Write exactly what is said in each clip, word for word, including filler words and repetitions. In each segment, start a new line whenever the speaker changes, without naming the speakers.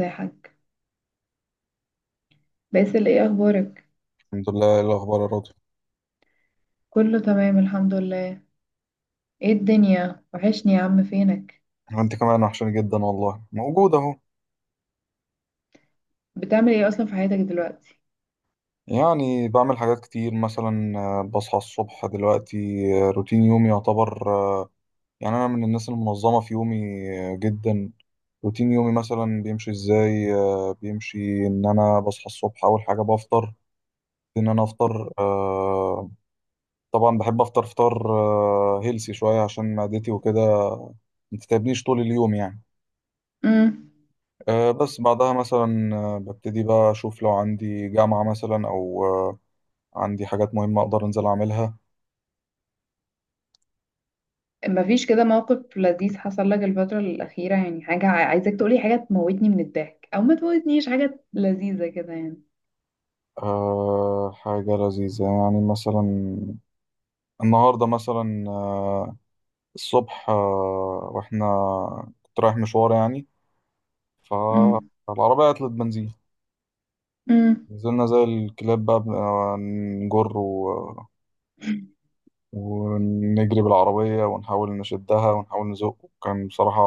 ازيحك باسل، ايه اخبارك؟
الحمد لله. إيه الأخبار يا راضي؟
كله تمام، الحمد لله. ايه الدنيا، وحشني يا عم، فينك؟
أنت كمان وحشاني جدا والله، موجود أهو.
بتعمل ايه اصلا في حياتك دلوقتي؟
يعني بعمل حاجات كتير مثلا، آه، بصحى الصبح دلوقتي. آه، روتين يومي يعتبر آه، يعني أنا من الناس المنظمة في يومي آه، جدا. روتين يومي مثلا بيمشي إزاي؟ آه، بيمشي إن أنا بصحى الصبح. أول حاجة بفطر، إن أنا أفطر آه، طبعا بحب أفطر فطار آه، هيلسي شوية عشان معدتي وكده، متتعبنيش طول اليوم يعني.
امم.
آه، بس بعدها مثلا آه، ببتدي بقى أشوف لو عندي جامعة مثلا، أو آه، عندي حاجات مهمة أقدر أنزل أعملها.
مفيش كده موقف لذيذ حصل لك الفترة الأخيرة، يعني حاجة عا- عايزاك تقولي، حاجة تموتني من الضحك او ما تموتنيش، حاجة لذيذة كده يعني؟
آه، حاجة لذيذة يعني، مثلا النهاردة مثلا آه، الصبح آه، وإحنا كنت رايح مشوار يعني،
امم.
فالعربية عطلت بنزين.
امم.
نزلنا زي الكلاب بقى بن- آه، نجر و- ونجري بالعربية ونحاول نشدها ونحاول نزق، وكان بصراحة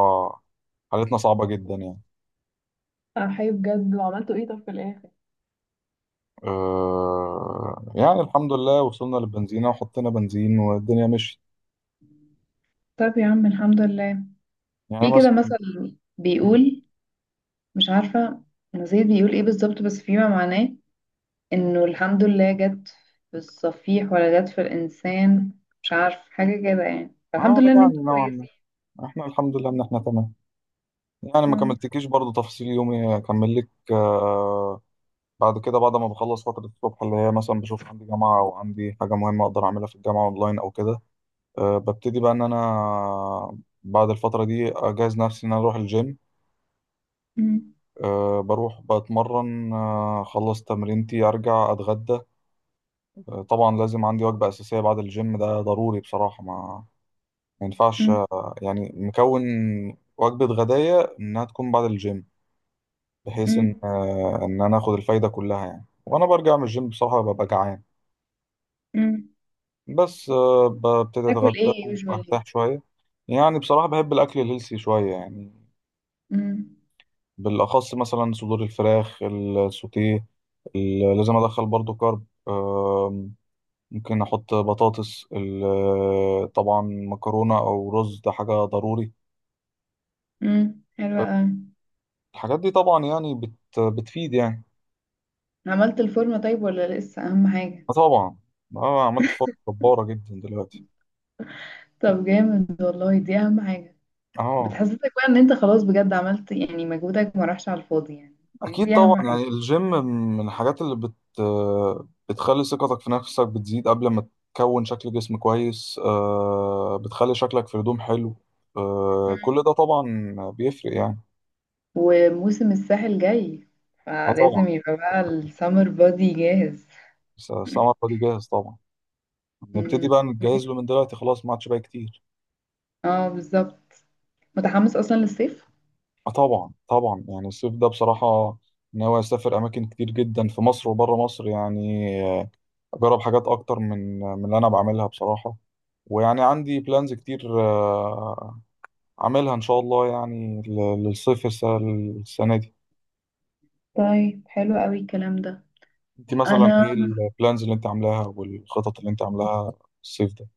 حالتنا صعبة جدا يعني.
انا حي بجد! وعملتوا ايه طب في الاخر؟
آه، يعني الحمد لله وصلنا للبنزينة وحطينا بنزين والدنيا مشيت.
طب يا عم الحمد لله.
يعني
في كده
مثلا،
مثل بيقول، مش عارفة، نسيت بيقول ايه بالظبط، بس فيما معناه انه الحمد لله جت في الصفيح ولا جت في الانسان، مش عارف حاجة كده، يعني الحمد
اه
لله ان
يعني
انتوا
نوعا
كويسين.
ما احنا الحمد لله ان احنا تمام. يعني ما
مم.
كملتكيش برضو تفاصيل يومي، اكمل لك آه بعد كده، بعد ما بخلص فترة الصبح اللي هي مثلا بشوف عندي جامعة او عندي حاجة مهمة اقدر اعملها في الجامعة اونلاين او كده، آه ببتدي بقى ان انا بعد الفترة دي اجهز نفسي ان انا اروح الجيم.
مم.
آه، بروح بتمرن، آه خلص تمرينتي ارجع اتغدى. طبعا لازم عندي وجبة أساسية بعد الجيم، ده ضروري بصراحة. ما ما ينفعش
مم.
آه، يعني مكون وجبة غداية إنها تكون بعد الجيم، بحيث
مم.
إن آه، إن أنا آخد الفايدة كلها يعني. وأنا برجع من الجيم بصراحة ببقى جعان،
مم.
بس آه، ببتدي
تاكل
أتغدى
ايه يوجوالي؟
وأرتاح شوية. يعني بصراحة بحب الأكل الهيلثي شوية يعني، بالأخص مثلا صدور الفراخ السوتيه. ال- لازم أدخل برضو كارب. ممكن احط بطاطس، ال- آه، طبعا مكرونه او رز، ده حاجه ضروري.
حلوة اوي.
الحاجات دي طبعا يعني بت بتفيد يعني.
عملت الفورمة طيب ولا لسه؟ اهم حاجة.
آه، طبعا. اه عملت فرق جباره جدا دلوقتي.
طب جامد والله، دي اهم حاجة.
اه،
بتحسسك بقى ان انت خلاص بجد عملت، يعني مجهودك ما راحش على الفاضي يعني. دي
اكيد
دي
طبعا،
اهم حاجة.
يعني الجيم من الحاجات اللي بت بتخلي ثقتك في نفسك بتزيد. قبل ما تكون شكل جسم كويس، آه بتخلي شكلك في هدوم حلو، آه
مم.
كل ده طبعا بيفرق يعني.
وموسم الساحل جاي،
اه، طبعا.
فلازم يبقى بقى السمر بادي جاهز.
س- سمر فادي جاهز طبعا. نبتدي
امم.
بقى نتجهز له من دلوقتي، خلاص ما عادش بقى كتير.
اه، بالظبط. متحمس اصلا للصيف.
آه، طبعا طبعا. يعني الصيف ده بصراحة، ناوي أسافر أماكن كتير جدا في مصر وبره مصر يعني، آه، أجرب حاجات أكتر من من اللي أنا بعملها بصراحة. ويعني عندي بلانز كتير آه، أعملها إن شاء الله يعني ل- للصيف الس- السنة دي.
طيب حلو قوي الكلام ده.
أنت مثلا
انا
إيه البلانز اللي أنت عاملاها والخطط اللي أنت عاملاها الصيف ده؟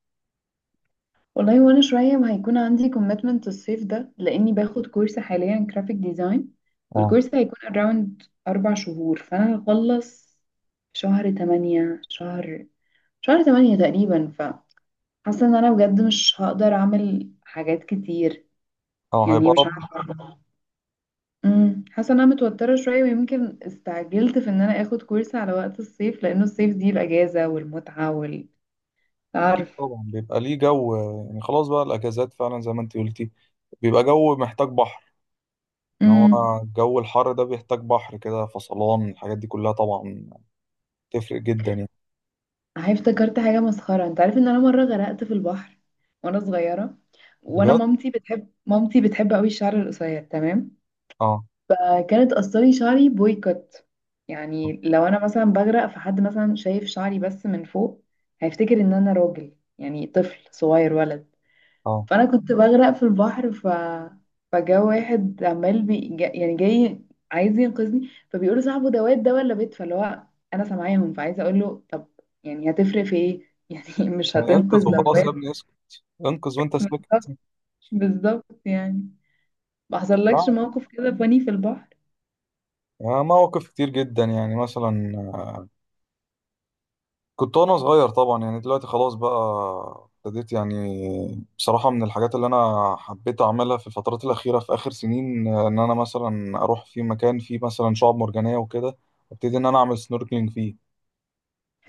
والله، وانا شويه ما هيكون عندي كوميتمنت الصيف ده، لاني باخد كورس حاليا، جرافيك ديزاين.
أه.
والكورس هيكون اراوند اربع شهور، فانا هخلص شهر تمانية، شهر شهر تمانية تقريبا. فحاسه ان انا بجد مش هقدر اعمل حاجات كتير،
أه،
يعني
هيبقى
مش
ربط.
عارفه. امم. حاسه ان انا متوتره شويه، ويمكن استعجلت في ان انا اخد كورس على وقت الصيف، لانه الصيف دي الاجازه والمتعه وال
أكيد
تعرف.
طبعا بيبقى ليه جو آه، يعني خلاص بقى الأجازات فعلا زي ما أنت قلتي، بيبقى جو محتاج بحر. ان هو
امم.
جو الحر ده بيحتاج بحر كده، فصلان الحاجات دي كلها طبعا تفرق جدا يعني.
هاي، افتكرت حاجه مسخره، انت عارف ان انا مره غرقت في البحر وانا صغيره؟ وانا
بجد.
مامتي بتحب، مامتي بتحب قوي الشعر القصير، تمام؟
اه.
آه، كانت قصري شعري بويكوت. يعني لو انا مثلا بغرق، فحد مثلا شايف شعري بس من فوق، هيفتكر ان انا راجل، يعني طفل صغير، ولد.
اه
فانا كنت بغرق في البحر، ف فجا واحد عمال بي... جا... يعني جاي عايز ينقذني، فبيقول له صاحبه ده واد ده ولا بيت، فاللي هو انا سامعاهم فعايزه اقول له، طب يعني هتفرق في ايه؟ يعني مش
يعني انقذ
هتنقذ لو
وخلاص يا ابني
واد؟
اسكت، انقذ وانت ساكت.
بالظبط، بالظبط يعني. ما حصلكش
لا،
موقف كده فاني في البحر؟
آه، مواقف كتير جدا يعني. مثلا كنت وانا صغير طبعا، يعني دلوقتي خلاص بقى ابتديت، يعني بصراحة من الحاجات اللي انا حبيت اعملها في الفترات الاخيرة في اخر سنين، آه، ان انا مثلا اروح في مكان فيه مثلا شعاب مرجانية وكده، ابتدي ان انا اعمل سنوركلينج فيه.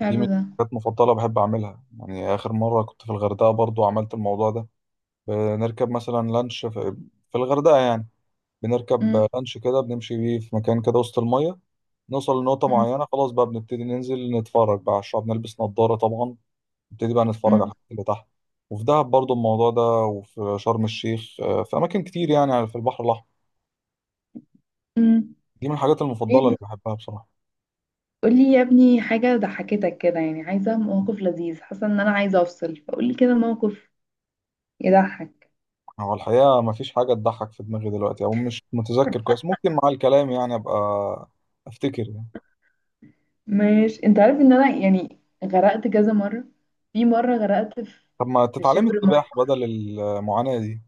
دي من
ده.
الحاجات المفضلة بحب أعملها يعني. آخر مرة كنت في الغردقة برضو عملت الموضوع ده. بنركب مثلا لانش في, في الغردقة يعني.
مم،
بنركب لانش كده بنمشي بيه في مكان كده وسط المية، نوصل لنقطة
مم،
معينة، خلاص بقى بنبتدي ننزل نتفرج بقى على الشعب، نلبس نضارة طبعا، نبتدي بقى نتفرج على
مم،
الحاجات اللي تحت. وفي دهب برضو الموضوع ده، وفي شرم الشيخ، آه، في أماكن كتير يعني في البحر الأحمر.
مم.
دي من الحاجات
ايه
المفضلة اللي
ده؟
بحبها بصراحة.
قولي يا ابني حاجة ضحكتك كده، يعني عايزة موقف لذيذ، حاسة ان انا عايزة افصل، فقولي كده موقف يضحك.
هو الحقيقة مفيش حاجة تضحك في دماغي دلوقتي، أو مش متذكر كويس. ممكن مع الكلام يعني أبقى أفتكر يعني.
ماشي، انت عارف ان انا يعني غرقت كذا مرة؟ في مرة غرقت في
طب ما
في
تتعلمي
شبر
السباحة
مية،
بدل المعاناة دي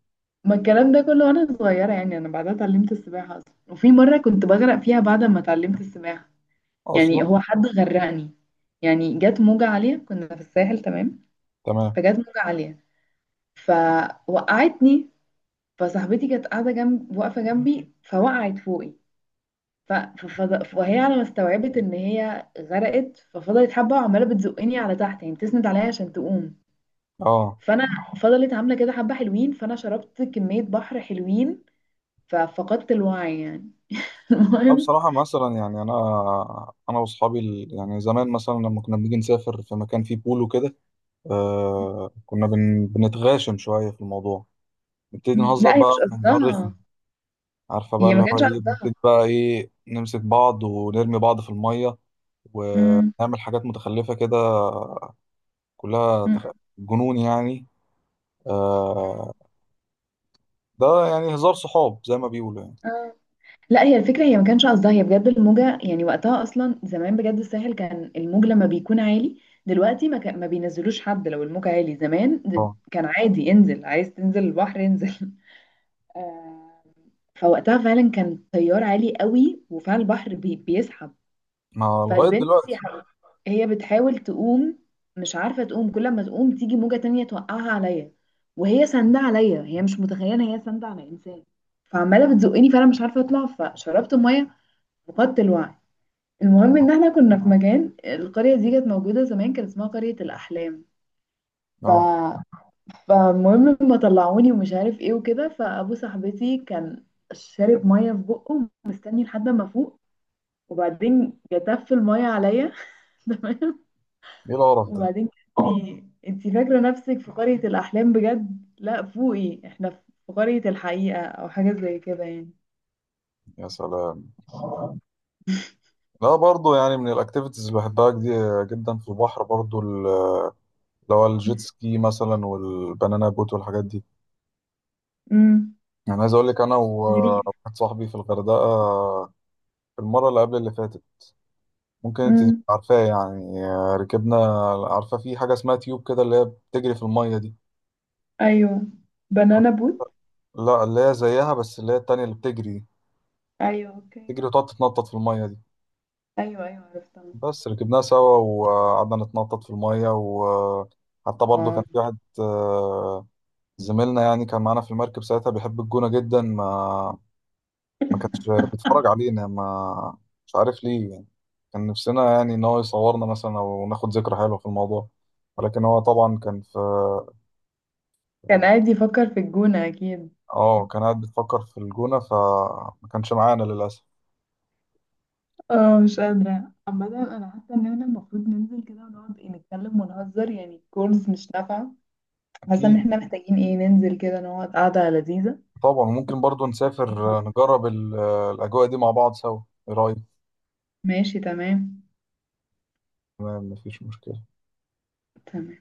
ما الكلام ده كله وانا صغيرة يعني، انا بعدها اتعلمت السباحة اصلا، وفي مرة كنت بغرق فيها بعد ما اتعلمت السباحة.
أصلا؟
يعني هو حد غرقني؟ يعني جت موجة عالية، كنا في الساحل، تمام.
تمام.
فجت موجة عالية، فوقعتني. فصاحبتي كانت قاعدة جنب، واقفة جنبي، فوقعت فوقي. ف... ففض... وهي على ما استوعبت ان هي غرقت، ففضلت حبة وعمالة بتزقني على تحت، يعني بتسند عليا عشان تقوم.
أه.
فانا فضلت عامله كده حبه حلوين، فانا شربت كميه بحر حلوين، ففقدت الوعي يعني.
لا
المهم،
بصراحة، مثلا يعني أنا أنا وأصحابي ال- يعني زمان مثلا لما كنا بنيجي نسافر في مكان فيه بول وكده، آه كنا بن... بنتغاشم شوية في الموضوع، نبتدي نهزر
لا هي
بقى
مش
هزار رخم.
قصدها،
عارفة بقى
هي ما
اللي هو
كانش
إيه؟
قصدها.
بنبتدي بقى إيه، نمسك بعض ونرمي بعض في المية،
أمم،
ونعمل حاجات متخلفة كده كلها
أمم،
تخ... جنون يعني. آه، ده يعني هزار صحاب زي ما بيقولوا يعني.
آه. لا هي الفكره، هي ما كانش قصدها هي بجد، الموجه يعني وقتها اصلا، زمان بجد الساحل كان الموج لما بيكون عالي، دلوقتي ما, كان ما بينزلوش حد لو الموج عالي. زمان د-
اه.
كان عادي انزل، عايز تنزل البحر انزل. آه، فوقتها فعلا كان تيار عالي قوي، وفعلا البحر بي- بيسحب.
ما لغاية
فالبنت يا
دلوقتي.
حبيبي هي بتحاول تقوم، مش عارفة تقوم، كل ما تقوم تيجي موجة تانية توقعها عليا، وهي ساندة عليا، هي مش متخيلة هي ساندة على إنسان. فعمالة بتزقني، فأنا مش عارفة أطلع، فشربت مية، فقدت الوعي. المهم إن احنا كنا في مكان، القرية دي كانت موجودة زمان، كان اسمها قرية الأحلام. ف...
اه.
فالمهم ما طلعوني ومش عارف ايه وكده، فأبو صاحبتي كان شارب مية في بقه، مستني لحد ما فوق، وبعدين جتف المية عليا.
ايه القرف ده.
وبعدين اه، انتي انتي فاكرة نفسك في قرية الأحلام بجد؟ لا، فوقي، احنا في قرية الحقيقة أو حاجة زي كده يعني.
يا سلام. لا برضو يعني من الاكتيفيتيز اللي بحبها جدي- جدا في البحر، برضو ال- اللي هو الجيت سكي مثلا والبنانا بوت والحاجات دي.
امم.
يعني عايز اقول لك، انا
غريب.
وواحد صاحبي في الغردقة في المرة اللي قبل اللي فاتت، ممكن انت تبقي
امم.
عارفاه يعني، آه، ركبنا. عارفة في حاجة اسمها تيوب كده، اللي هي بتجري في المية دي؟
ايوه، بنانا بوت.
لا اللي هي زيها، بس اللي هي التانية اللي بتجري،
أيوه، أوكي.
بتجري وتقعد تتنطط في المية دي.
أيوه، أيوه، عرفتها.
بس ركبناها سوا وقعدنا نتنطط في المية. وحتى برضو
واو.
كان في واحد آه، زميلنا يعني، كان معانا في المركب ساعتها، بيحب الجونة جدا. ما ما كانش بيتفرج علينا، ما مش عارف ليه يعني. كان نفسنا يعني إن هو يصورنا مثلا أو ناخد ذكرى حلوة في الموضوع، ولكن هو طبعا كان في.
كان قاعد يفكر في الجونة أكيد.
اه، كان قاعد بيفكر في الجونة، فما كانش معانا للأسف.
اه، مش قادرة عامة. أنا حاسة إن احنا المفروض ننزل كده ونقعد، إيه، نتكلم ونهزر يعني، الكورس مش نافعة. حاسة إن
أكيد.
احنا محتاجين، إيه، ننزل كده نقعد قعدة لذيذة،
طبعا ممكن برضو نسافر، آه،
نهزر.
نجرب ال- آه، الأجواء دي مع بعض سوا. إيه رأيك؟
ماشي تمام.
تمام، مفيش مشكلة.
تمام